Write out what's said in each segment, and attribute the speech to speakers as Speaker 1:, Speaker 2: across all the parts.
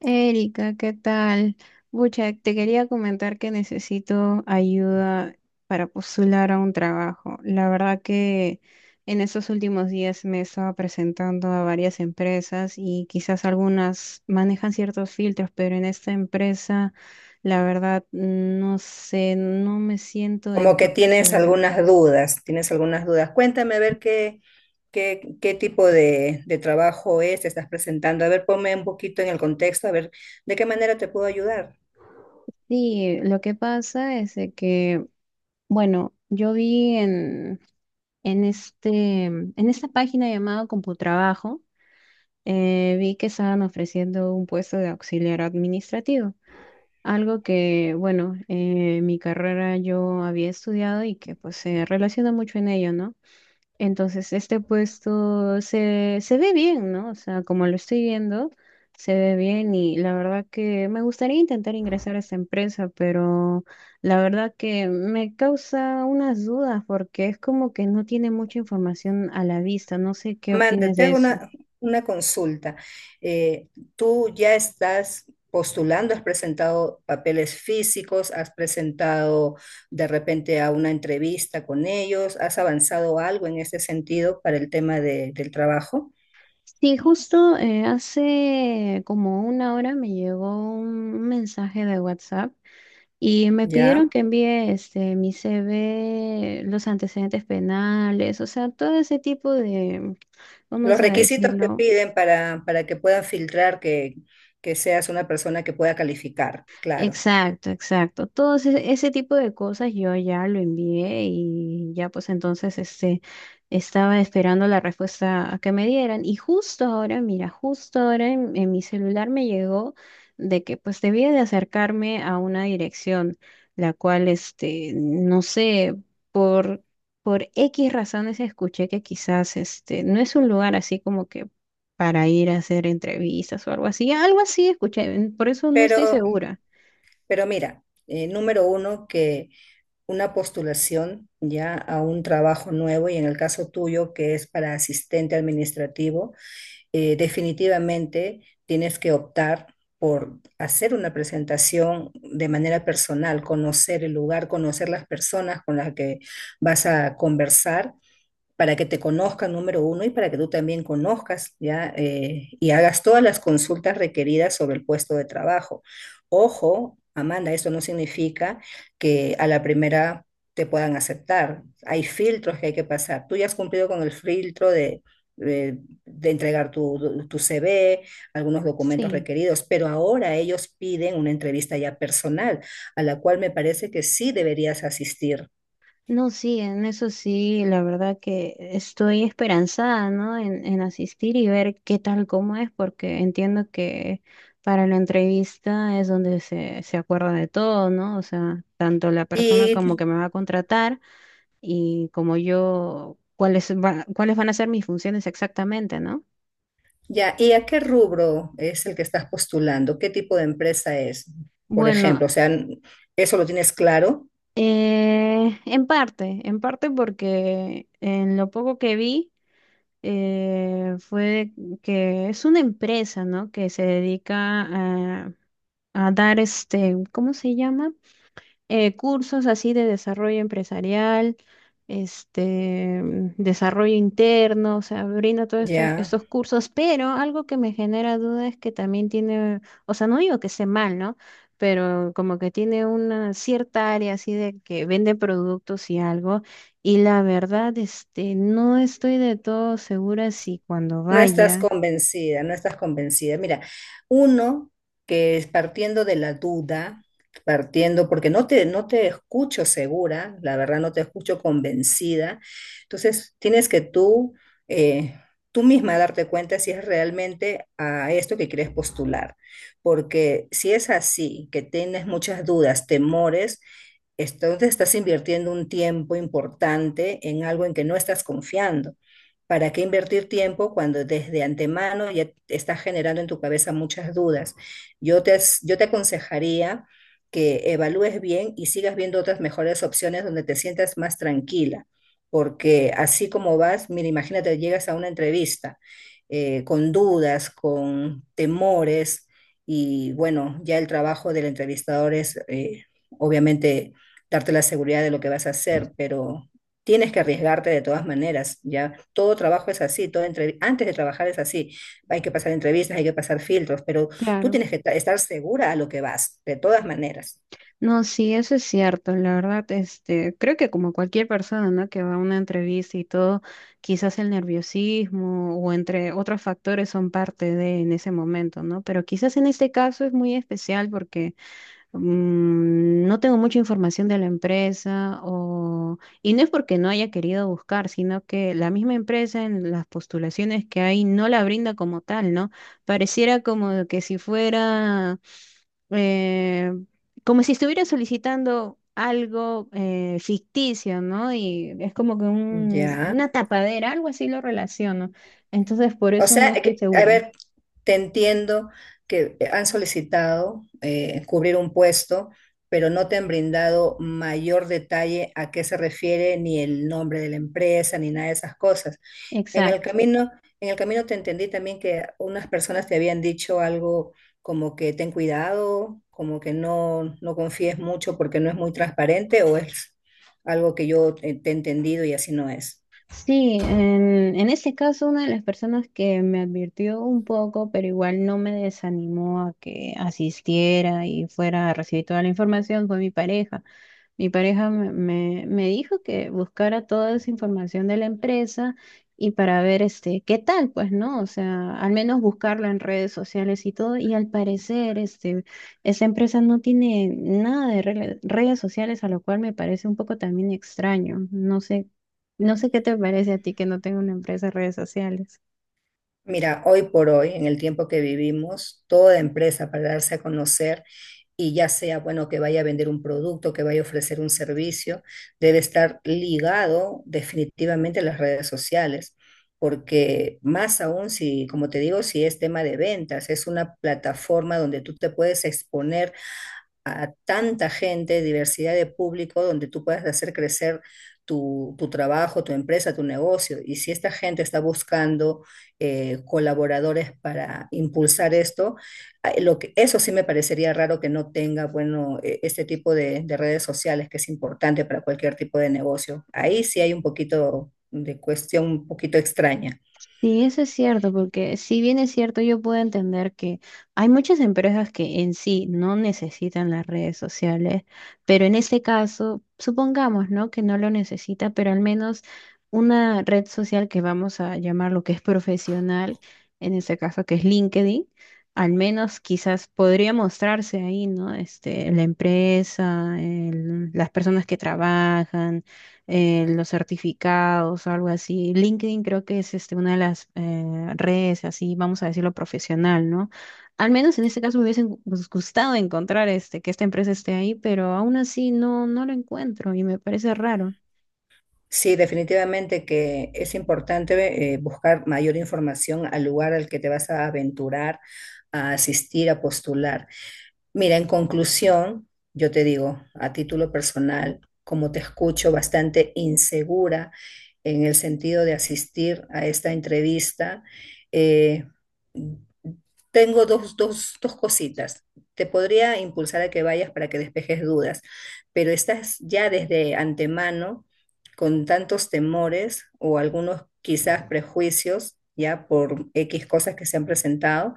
Speaker 1: Erika, ¿qué tal? Bucha, te quería comentar que necesito ayuda para postular a un trabajo. La verdad que en estos últimos días me he estado presentando a varias empresas y quizás algunas manejan ciertos filtros, pero en esta empresa, la verdad, no sé, no me siento del
Speaker 2: Como que
Speaker 1: todo
Speaker 2: tienes
Speaker 1: segura.
Speaker 2: algunas dudas, tienes algunas dudas. Cuéntame a ver qué tipo de trabajo es, te estás presentando. A ver, ponme un poquito en el contexto, a ver de qué manera te puedo ayudar.
Speaker 1: Sí, lo que pasa es de que, bueno, yo vi. En esta página llamada CompuTrabajo, vi que estaban ofreciendo un puesto de auxiliar administrativo, algo que, bueno, mi carrera yo había estudiado y que pues se relaciona mucho en ello, ¿no? Entonces, este puesto se ve bien, ¿no? O sea, como lo estoy viendo, se ve bien y la verdad que me gustaría intentar ingresar a esta empresa, pero la verdad que me causa unas dudas porque es como que no tiene mucha información a la vista. No sé qué
Speaker 2: Amanda,
Speaker 1: opinas
Speaker 2: te
Speaker 1: de
Speaker 2: hago
Speaker 1: eso.
Speaker 2: una consulta. Eh, ¿Tú ya estás postulando? ¿Has presentado papeles físicos? ¿Has presentado de repente a una entrevista con ellos? ¿Has avanzado algo en ese sentido para el tema del trabajo?
Speaker 1: Sí, justo hace como una hora me llegó un mensaje de WhatsApp. Y me pidieron
Speaker 2: ¿Ya?
Speaker 1: que envíe este, mi CV, los antecedentes penales, o sea, todo ese tipo de,
Speaker 2: Los
Speaker 1: vamos a
Speaker 2: requisitos que
Speaker 1: decirlo.
Speaker 2: piden para que puedan filtrar que seas una persona que pueda calificar, claro.
Speaker 1: Exacto, exacto. Todo ese tipo de cosas yo ya lo envié y ya pues entonces este estaba esperando la respuesta a que me dieran y justo ahora, mira, justo ahora en mi celular me llegó de que pues debía de acercarme a una dirección la cual este no sé por por X razones escuché que quizás este no es un lugar así como que para ir a hacer entrevistas o algo así escuché, por eso no estoy
Speaker 2: Pero,
Speaker 1: segura.
Speaker 2: pero mira, número uno, que una postulación ya a un trabajo nuevo y en el caso tuyo, que es para asistente administrativo, definitivamente tienes que optar por hacer una presentación de manera personal, conocer el lugar, conocer las personas con las que vas a conversar para que te conozcan, número uno, y para que tú también conozcas, ¿ya? Y hagas todas las consultas requeridas sobre el puesto de trabajo. Ojo, Amanda, eso no significa que a la primera te puedan aceptar. Hay filtros que hay que pasar. Tú ya has cumplido con el filtro de, de entregar tu CV, algunos documentos
Speaker 1: Sí,
Speaker 2: requeridos, pero ahora ellos piden una entrevista ya personal, a la cual me parece que sí deberías asistir.
Speaker 1: no, sí, en eso sí, la verdad que estoy esperanzada, ¿no? En asistir y ver qué tal, cómo es, porque entiendo que para la entrevista es donde se acuerda de todo, ¿no? O sea, tanto la persona como
Speaker 2: Y
Speaker 1: que me va a contratar y como yo, cuáles, cuáles van a ser mis funciones exactamente, ¿no?
Speaker 2: Ya, ¿y a qué rubro es el que estás postulando? ¿Qué tipo de empresa es, por
Speaker 1: Bueno,
Speaker 2: ejemplo? O sea, ¿eso lo tienes claro?
Speaker 1: en parte porque en lo poco que vi... fue que es una empresa, ¿no? Que se dedica a, a dar este, ¿cómo se llama? Cursos así de desarrollo empresarial, este, mm, desarrollo interno, o sea, brinda todos
Speaker 2: Ya.
Speaker 1: estos cursos, pero algo que me genera duda es que también tiene, o sea, no digo que esté mal, ¿no? Pero como que tiene una cierta área así de que vende productos y algo, y la verdad, este, no estoy de todo segura si cuando
Speaker 2: No estás
Speaker 1: vaya,
Speaker 2: convencida, no estás convencida. Mira, uno que es partiendo de la duda, partiendo, porque no te escucho segura, la verdad no te escucho convencida, entonces tienes que tú, eh, tú misma darte cuenta si es realmente a esto que quieres postular, porque si es así, que tienes muchas dudas, temores, entonces estás invirtiendo un tiempo importante en algo en que no estás confiando. ¿Para qué invertir tiempo cuando desde antemano ya estás generando en tu cabeza muchas dudas? Yo te aconsejaría que evalúes bien y sigas viendo otras mejores opciones donde te sientas más tranquila, porque así como vas, mira, imagínate, llegas a una entrevista con dudas, con temores y bueno, ya el trabajo del entrevistador es obviamente darte la seguridad de lo que vas a hacer, pero tienes que arriesgarte de todas maneras, ya. Todo trabajo es así, todo antes de trabajar es así. Hay que pasar entrevistas, hay que pasar filtros, pero tú
Speaker 1: claro.
Speaker 2: tienes que estar segura a lo que vas, de todas maneras.
Speaker 1: No, sí, eso es cierto, la verdad, este, creo que como cualquier persona, ¿no? que va a una entrevista y todo, quizás el nerviosismo o entre otros factores son parte de en ese momento, ¿no? Pero quizás en este caso es muy especial porque mm, no tengo mucha información de la empresa o... Y no es porque no haya querido buscar, sino que la misma empresa en las postulaciones que hay no la brinda como tal, ¿no? Pareciera como que si fuera... eh, como si estuviera solicitando algo ficticio, ¿no? Y es como que
Speaker 2: Ya.
Speaker 1: una tapadera, algo así lo relaciono. Entonces, por
Speaker 2: O
Speaker 1: eso no
Speaker 2: sea,
Speaker 1: estoy
Speaker 2: a
Speaker 1: segura.
Speaker 2: ver, te entiendo que han solicitado cubrir un puesto, pero no te han brindado mayor detalle a qué se refiere, ni el nombre de la empresa, ni nada de esas cosas. En el camino, en el camino te entendí también que unas personas te habían dicho algo como que ten cuidado, como que no, no confíes mucho porque no es muy transparente, o es algo que yo te he entendido y así no es.
Speaker 1: Sí, en ese caso una de las personas que me advirtió un poco, pero igual no me desanimó a que asistiera y fuera a recibir toda la información, fue mi pareja. Mi pareja me dijo que buscara toda esa información de la empresa y para ver este, qué tal, pues, ¿no? O sea, al menos buscarla en redes sociales y todo. Y al parecer, este, esa empresa no tiene nada de redes sociales, a lo cual me parece un poco también extraño. No sé, no sé qué te parece a ti que no tenga una empresa de redes sociales.
Speaker 2: Mira, hoy por hoy, en el tiempo que vivimos, toda empresa para darse a conocer y ya sea, bueno, que vaya a vender un producto, que vaya a ofrecer un servicio, debe estar ligado definitivamente a las redes sociales, porque más aún si, como te digo, si es tema de ventas, es una plataforma donde tú te puedes exponer a tanta gente, diversidad de público, donde tú puedas hacer crecer tu trabajo, tu empresa, tu negocio. Y si esta gente está buscando colaboradores para impulsar esto, ah, lo que, eso sí me parecería raro que no tenga, bueno, este tipo de redes sociales que es importante para cualquier tipo de negocio. Ahí sí hay un poquito de cuestión un poquito extraña.
Speaker 1: Sí, eso es cierto, porque si bien es cierto, yo puedo entender que hay muchas empresas que en sí no necesitan las redes sociales, pero en este caso, supongamos, ¿no? que no lo necesita, pero al menos una red social que vamos a llamar lo que es profesional, en este caso que es LinkedIn, al menos quizás podría mostrarse ahí, ¿no? Este, la empresa, las personas que trabajan los certificados o algo así. LinkedIn creo que es este, una de las redes, así vamos a decirlo, profesional, ¿no? Al menos en este caso me hubiese gustado encontrar este, que esta empresa esté ahí, pero aún así no, no lo encuentro y me parece raro.
Speaker 2: Sí, definitivamente que es importante buscar mayor información al lugar al que te vas a aventurar, a asistir, a postular. Mira, en conclusión, yo te digo, a título personal, como te escucho bastante insegura en el sentido de asistir a esta entrevista, eh, tengo dos cositas. Te podría impulsar a que vayas para que despejes dudas, pero estás ya desde antemano con tantos temores o algunos quizás prejuicios ya por X cosas que se han presentado.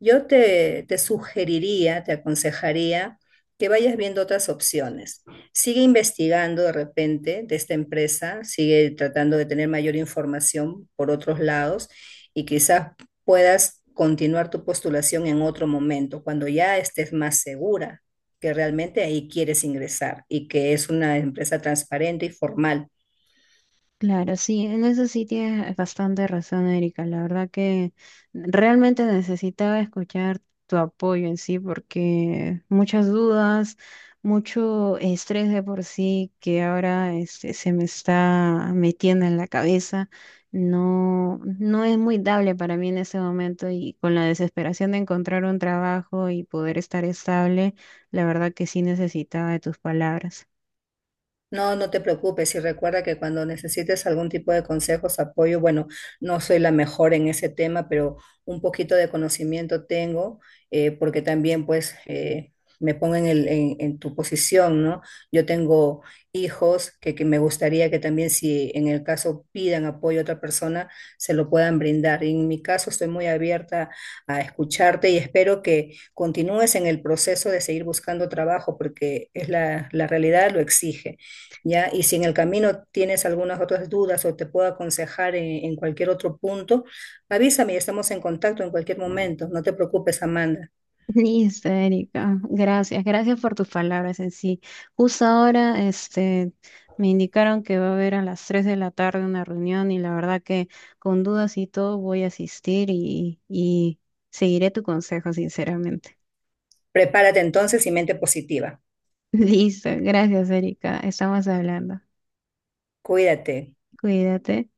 Speaker 2: Yo te sugeriría, te aconsejaría que vayas viendo otras opciones. Sigue investigando de repente de esta empresa, sigue tratando de tener mayor información por otros lados y quizás puedas continuar tu postulación en otro momento, cuando ya estés más segura que realmente ahí quieres ingresar y que es una empresa transparente y formal.
Speaker 1: Claro, sí, en eso sí tienes bastante razón, Erika. La verdad que realmente necesitaba escuchar tu apoyo en sí, porque muchas dudas, mucho estrés de por sí que ahora este, se me está metiendo en la cabeza, no, no es muy dable para mí en ese momento y con la desesperación de encontrar un trabajo y poder estar estable, la verdad que sí necesitaba de tus palabras.
Speaker 2: No, no te preocupes y recuerda que cuando necesites algún tipo de consejos, apoyo, bueno, no soy la mejor en ese tema, pero un poquito de conocimiento tengo, porque también pues me pongo en tu posición, ¿no? Yo tengo hijos que me gustaría que también si en el caso pidan apoyo a otra persona, se lo puedan brindar. Y en mi caso estoy muy abierta a escucharte y espero que continúes en el proceso de seguir buscando trabajo, porque es la realidad lo exige. ¿Ya? Y si en el camino tienes algunas otras dudas o te puedo aconsejar en cualquier otro punto, avísame y estamos en contacto en cualquier momento. No te preocupes, Amanda.
Speaker 1: Listo, Erika. Gracias, gracias por tus palabras en sí. Justo ahora, este, me indicaron que va a haber a las 3 de la tarde una reunión y la verdad que con dudas y todo voy a asistir y seguiré tu consejo, sinceramente.
Speaker 2: Prepárate entonces y mente positiva.
Speaker 1: Listo, gracias, Erika. Estamos hablando.
Speaker 2: Cuídate.
Speaker 1: Cuídate.